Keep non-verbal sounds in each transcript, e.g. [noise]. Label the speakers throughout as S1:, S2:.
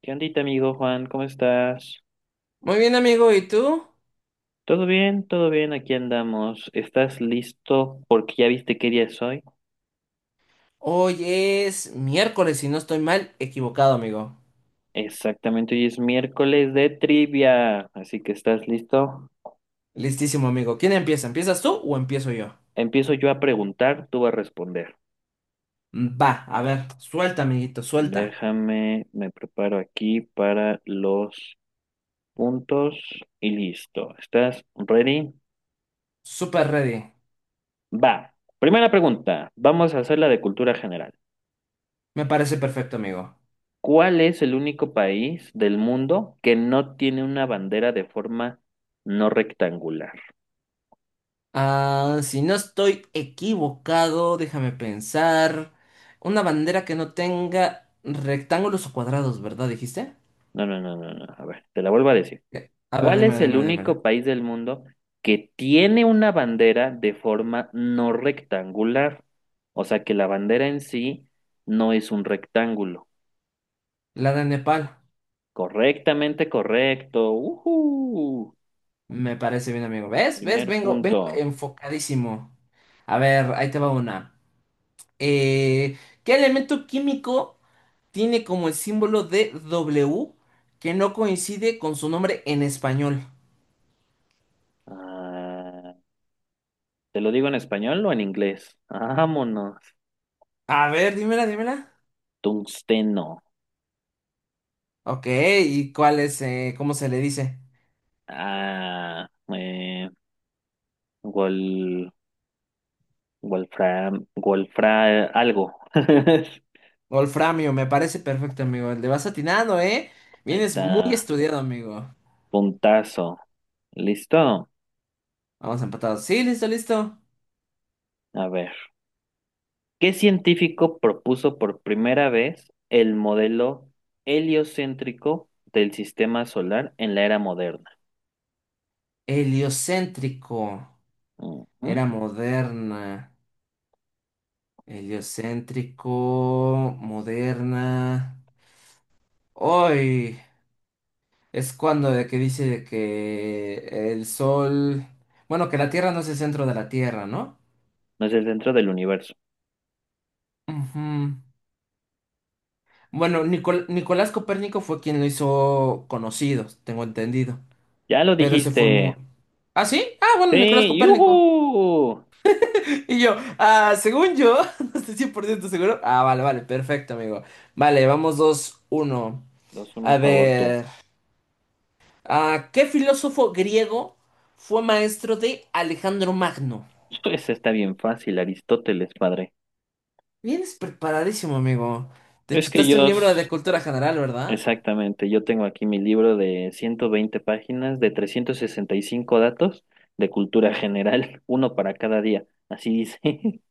S1: ¿Qué ondita, amigo Juan? ¿Cómo estás?
S2: Muy bien, amigo, ¿y tú?
S1: ¿Todo bien? ¿Todo bien? Aquí andamos. ¿Estás listo? Porque ya viste qué día es hoy.
S2: Hoy es miércoles, si no estoy mal, equivocado, amigo.
S1: Exactamente, hoy es miércoles de trivia. Así que, ¿estás listo?
S2: Listísimo, amigo. ¿Quién empieza? ¿Empiezas tú o empiezo yo?
S1: Empiezo yo a preguntar, tú vas a responder.
S2: Va, a ver, suelta, amiguito, suelta.
S1: Déjame, me preparo aquí para los puntos y listo. ¿Estás ready?
S2: Super ready.
S1: Va. Primera pregunta. Vamos a hacer la de cultura general.
S2: Me parece perfecto, amigo.
S1: ¿Cuál es el único país del mundo que no tiene una bandera de forma no rectangular?
S2: Ah, si no estoy equivocado, déjame pensar. Una bandera que no tenga rectángulos o cuadrados, ¿verdad? ¿Dijiste?
S1: No, no, no, no, no. A ver, te la vuelvo a decir.
S2: A ver,
S1: ¿Cuál es
S2: dímela,
S1: el
S2: dímela, dímela.
S1: único país del mundo que tiene una bandera de forma no rectangular? O sea, que la bandera en sí no es un rectángulo.
S2: La de Nepal.
S1: Correctamente correcto. Ujú.
S2: Me parece bien, amigo. ¿Ves? ¿Ves?
S1: Primer
S2: Vengo, vengo
S1: punto.
S2: enfocadísimo. A ver, ahí te va una. Eh, ¿Qué elemento químico tiene como el símbolo de W que no coincide con su nombre en español?
S1: Ah, ¿te lo digo en español o en inglés? Vámonos.
S2: A ver, dímela, dímela.
S1: Tungsteno.
S2: Ok, ¿y cuál es, cómo se le dice?
S1: Ah, eh, Wol, Wolfram, Wolfra, algo. [laughs]
S2: Wolframio, me parece perfecto, amigo. Le vas atinado, ¿eh?
S1: Ahí
S2: Vienes muy
S1: está,
S2: estudiado, amigo.
S1: puntazo. ¿Listo?
S2: Vamos empatados. Sí, listo, listo.
S1: A ver. ¿Qué científico propuso por primera vez el modelo heliocéntrico del sistema solar en la era moderna?
S2: Heliocéntrico.
S1: Ujú.
S2: Era moderna. Heliocéntrico, moderna. Hoy es cuando de que dice de que el sol, bueno, que la Tierra no es el centro de la Tierra, ¿no?
S1: No es el centro del universo.
S2: Ujú. Bueno, Nicolás Copérnico fue quien lo hizo conocido, tengo entendido.
S1: Ya lo
S2: Pero se formó.
S1: dijiste.
S2: ¿Ah, sí? Ah, bueno, Nicolás
S1: Sí,
S2: Copérnico. [laughs]
S1: yujú.
S2: Y yo, ah, según yo, [laughs] no estoy 100% seguro. Ah, vale, vale, perfecto, amigo. Vale, vamos 2-1.
S1: 2-1
S2: A
S1: favor tú.
S2: ver. Ah, ¿qué filósofo griego fue maestro de Alejandro Magno?
S1: [laughs] Pues está bien fácil, Aristóteles, padre.
S2: Vienes preparadísimo, amigo. Te
S1: Es que
S2: chutaste un
S1: yo
S2: libro
S1: s-
S2: de cultura general, ¿verdad?
S1: Exactamente, yo tengo aquí mi libro de 120 páginas, de 365 datos de cultura general, [laughs] uno para cada día, así dice. [laughs]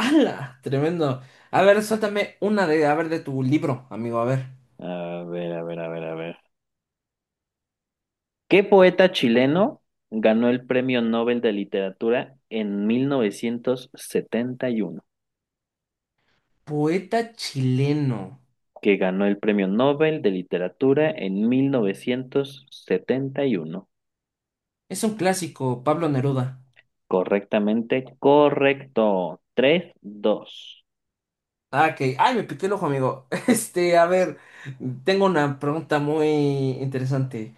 S2: ¡Hala! Tremendo. A ver, suéltame una de, a ver, de tu libro, amigo, a ver.
S1: A ver, a ver, a ver, a ver. ¿Qué poeta chileno ganó el Premio Nobel de Literatura en 1971?
S2: Poeta chileno.
S1: ¿Que ganó el Premio Nobel de Literatura en 1971?
S2: Es un clásico, Pablo Neruda.
S1: Correctamente, correcto. 3-2.
S2: Ah, ok. Ay, me pité el ojo, amigo. [laughs] Este, a ver, tengo una pregunta muy interesante.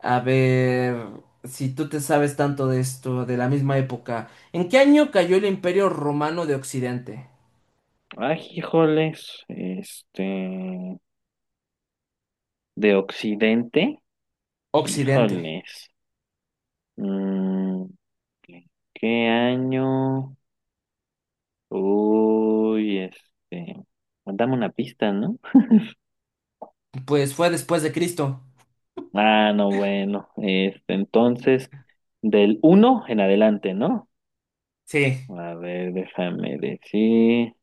S2: A ver, si tú te sabes tanto de esto, de la misma época, ¿en qué año cayó el Imperio Romano de Occidente?
S1: Ay, híjoles, este, de Occidente,
S2: Occidente.
S1: híjoles, mm, ¿qué qué año? Uy, este, dame una pista, ¿no?
S2: Pues fue después de Cristo.
S1: Ah, no, bueno, este, entonces, del uno en adelante, ¿no?
S2: Sí.
S1: A ver, déjame decir,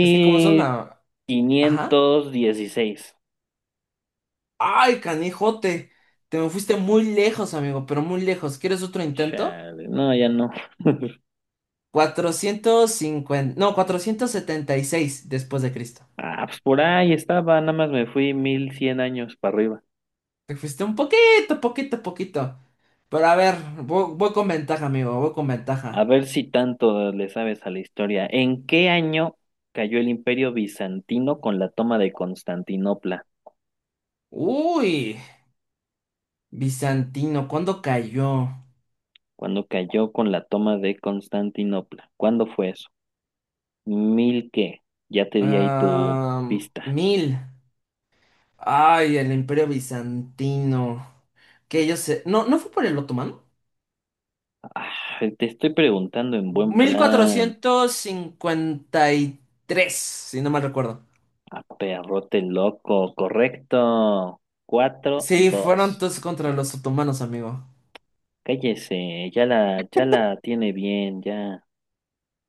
S2: Es que como son a... Ajá.
S1: quinientos dieciséis.
S2: Ay, canijote. Te me fuiste muy lejos, amigo, pero muy lejos. ¿Quieres otro intento?
S1: Chale, no, ya no. [laughs]
S2: 450. No, 476 después de Cristo.
S1: Ah, pues por ahí estaba, nada más me fui 1100 años para arriba.
S2: Te fuiste un poquito, poquito, poquito. Pero a ver, voy, voy con ventaja, amigo, voy con
S1: A
S2: ventaja.
S1: ver si tanto le sabes a la historia. ¿En qué año cayó el Imperio Bizantino con la toma de Constantinopla?
S2: Uy, bizantino, ¿cuándo cayó?
S1: ¿Cuándo cayó con la toma de Constantinopla? ¿Cuándo fue eso? ¿Mil qué? Ya te di ahí tu
S2: Ah,
S1: pista.
S2: mil. Ay, el Imperio Bizantino. Que yo sé. No, ¿no fue por el otomano?
S1: Ah, te estoy preguntando en buen
S2: mil
S1: plan.
S2: cuatrocientos cincuenta y tres si no mal recuerdo.
S1: A perrote loco, correcto. Cuatro,
S2: Sí, fueron
S1: dos.
S2: todos contra los otomanos, amigo.
S1: Cállese, ya la tiene bien, ya.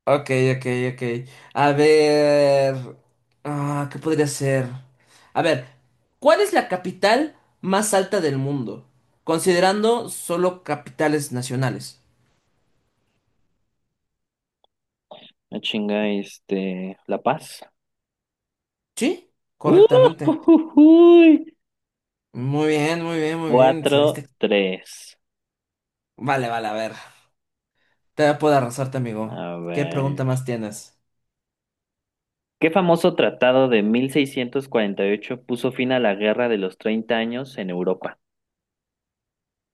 S2: Ok, ok, ok. A ver. Ah, ¿qué podría ser? A ver, ¿cuál es la capital más alta del mundo? Considerando solo capitales nacionales.
S1: La chinga, este, La Paz.
S2: ¿Sí?
S1: ¡Uh!
S2: Correctamente.
S1: ¡ujujuy!
S2: Muy bien, muy bien, muy bien. Saliste.
S1: 4-3.
S2: Vale, vale, a ver. Te puedo arrasarte, amigo.
S1: A
S2: ¿Qué
S1: ver.
S2: pregunta más tienes?
S1: ¿Qué famoso tratado de 1648 puso fin a la Guerra de los Treinta Años en Europa?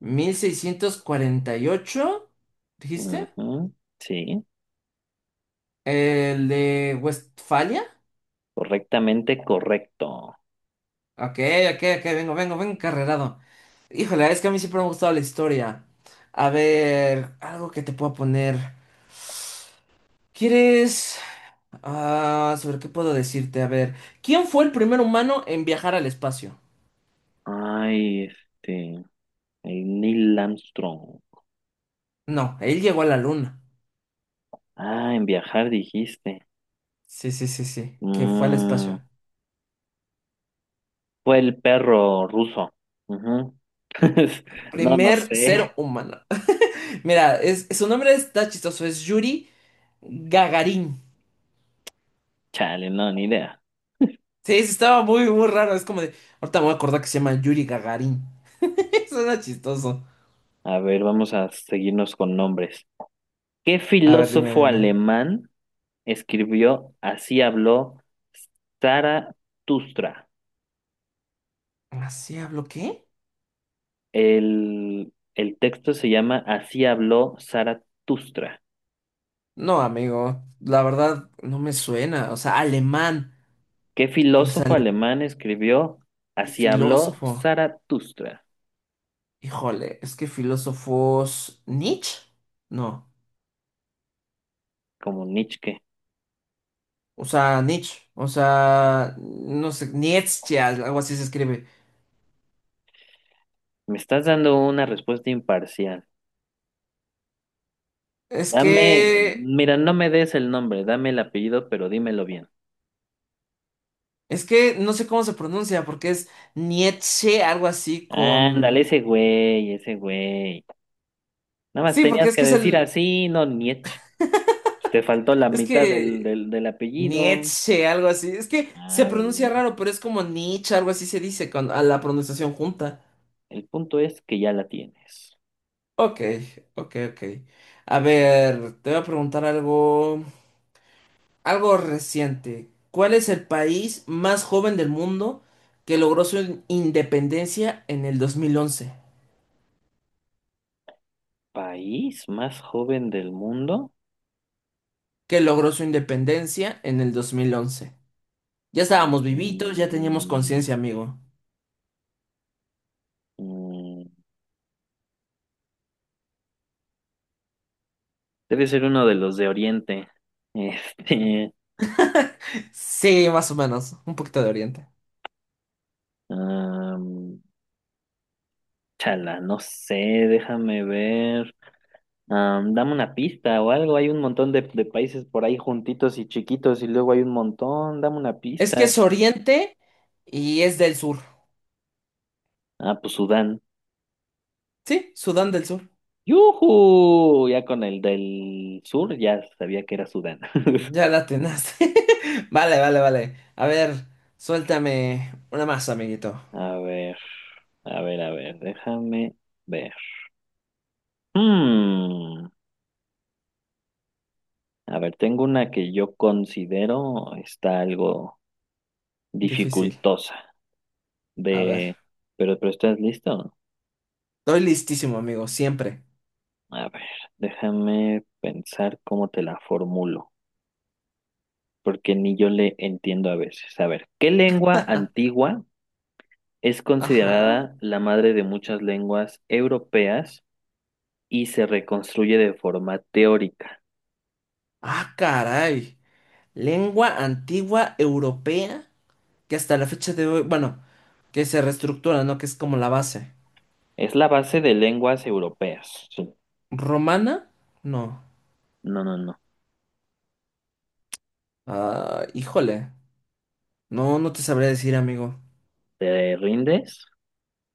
S2: 1648, ¿dijiste?
S1: Ujú, sí,
S2: ¿El de Westfalia?
S1: correctamente correcto.
S2: Ok, ok, ok, vengo, vengo, vengo carrerado. Híjole, es que a mí siempre me ha gustado la historia. A ver, algo que te puedo poner. ¿Quieres? Ah, ¿sobre qué puedo decirte? A ver, ¿quién fue el primer humano en viajar al espacio?
S1: Ay, este, el Neil Armstrong.
S2: No, él llegó a la luna.
S1: Ah, en viajar dijiste.
S2: Sí, sí, sí, sí, que fue al
S1: Mm,
S2: espacio.
S1: fue el perro ruso. Ujú. [laughs] No, no
S2: Primer
S1: sé.
S2: ser humano. [laughs] Mira, es, su nombre está chistoso, es Yuri Gagarin.
S1: Chale, no, ni idea.
S2: Sí, sí, estaba muy, muy raro. Es como de. Ahorita me voy a acordar que se llama Yuri Gagarin. [laughs] Suena chistoso.
S1: A ver, vamos a seguirnos con nombres. ¿Qué
S2: A ver, dime,
S1: filósofo
S2: dime.
S1: alemán escribió Así habló Zaratustra?
S2: ¿Así hablo qué?
S1: El texto se llama Así habló Zaratustra.
S2: No, amigo, la verdad no me suena. O sea, alemán,
S1: ¿Qué
S2: pues
S1: filósofo
S2: alemán
S1: alemán escribió
S2: y
S1: Así habló
S2: filósofo.
S1: Zaratustra?
S2: Híjole, es que filósofos. ¿Nietzsche? No,
S1: Como Nietzsche.
S2: o sea, Nietzsche, o sea, no sé, Nietzsche, algo así se escribe.
S1: Me estás dando una respuesta imparcial.
S2: Es
S1: Dame,
S2: que,
S1: mira, no me des el nombre, dame el apellido, pero dímelo bien.
S2: es que no sé cómo se pronuncia, porque es Nietzsche, algo así
S1: Ándale,
S2: con.
S1: ese güey, ese güey. Nada más
S2: Sí, porque
S1: tenías
S2: es
S1: que
S2: que es
S1: decir
S2: el.
S1: así, no Nietzsche. Pues te faltó la
S2: Es
S1: mitad del,
S2: que
S1: del, del apellido.
S2: Nietzsche, algo así. Es que se
S1: Ah,
S2: pronuncia
S1: ¿verdad?
S2: raro, pero es como Nietzsche, algo así se dice con, a la pronunciación junta.
S1: El punto es que ya la tienes.
S2: Ok, ok, ok. A ver, te voy a preguntar algo, algo reciente. ¿Cuál es el país más joven del mundo que logró su independencia en el 2011?
S1: ¿País más joven del mundo?
S2: Que logró su independencia en el 2011. Ya estábamos vivitos, ya teníamos
S1: Mm,
S2: conciencia, amigo.
S1: mm, debe ser uno de los de Oriente. [laughs] Este,
S2: [laughs] Sí, más o menos, un poquito de Oriente.
S1: am, chala, no sé, déjame ver. Dame una pista o algo. Hay un montón de países por ahí juntitos y chiquitos y luego hay un montón. Dame una
S2: Es que
S1: pista.
S2: es Oriente y es del sur.
S1: Ah, pues Sudán.
S2: Sí, Sudán del Sur.
S1: ¡Yujú! Ya con el del sur ya sabía que era Sudán. [laughs]
S2: Ya la atinaste. [laughs] Vale, vale, vale. A ver, suéltame una más, amiguito.
S1: A ver, a ver, a ver, déjame ver. Hmm, A ver, tengo una que yo considero está algo
S2: Difícil.
S1: dificultosa
S2: A ver.
S1: de... Pero ¿estás listo?
S2: Estoy listísimo, amigo, siempre.
S1: A ver, déjame pensar cómo te la formulo, porque ni yo le entiendo a veces. A ver, ¿qué lengua antigua es
S2: Ajá.
S1: considerada la madre de muchas lenguas europeas? Y se reconstruye de forma teórica.
S2: Ah, caray. Lengua antigua europea que hasta la fecha de hoy, bueno, que se reestructura, ¿no? Que es como la base.
S1: Es la base de lenguas europeas. Sí.
S2: ¿Romana? No.
S1: No, no, no.
S2: Ah, híjole. No, no te sabría decir, amigo.
S1: ¿Te rindes?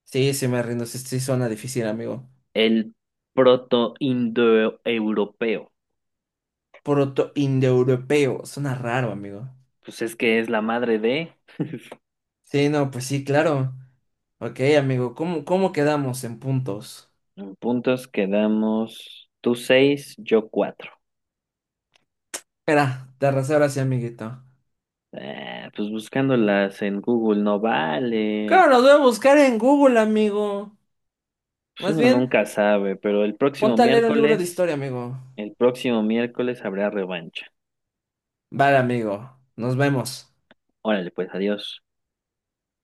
S2: Sí, sí me rindo. Sí, sí suena difícil, amigo.
S1: El proto-indoeuropeo.
S2: Proto-indoeuropeo. Suena raro, amigo.
S1: Pues es que es la madre de...
S2: Sí, no, pues sí, claro. Ok, amigo, ¿cómo quedamos en puntos?
S1: En puntos quedamos tú seis, yo cuatro.
S2: Espera, te arrasé ahora sí, amiguito.
S1: Ah, pues buscándolas en Google no vale.
S2: Claro, lo voy a buscar en Google, amigo.
S1: Pues
S2: Más
S1: uno
S2: bien,
S1: nunca sabe, pero
S2: ponte a leer un libro de historia, amigo.
S1: el próximo miércoles habrá revancha.
S2: Vale, amigo. Nos vemos.
S1: Órale, pues adiós.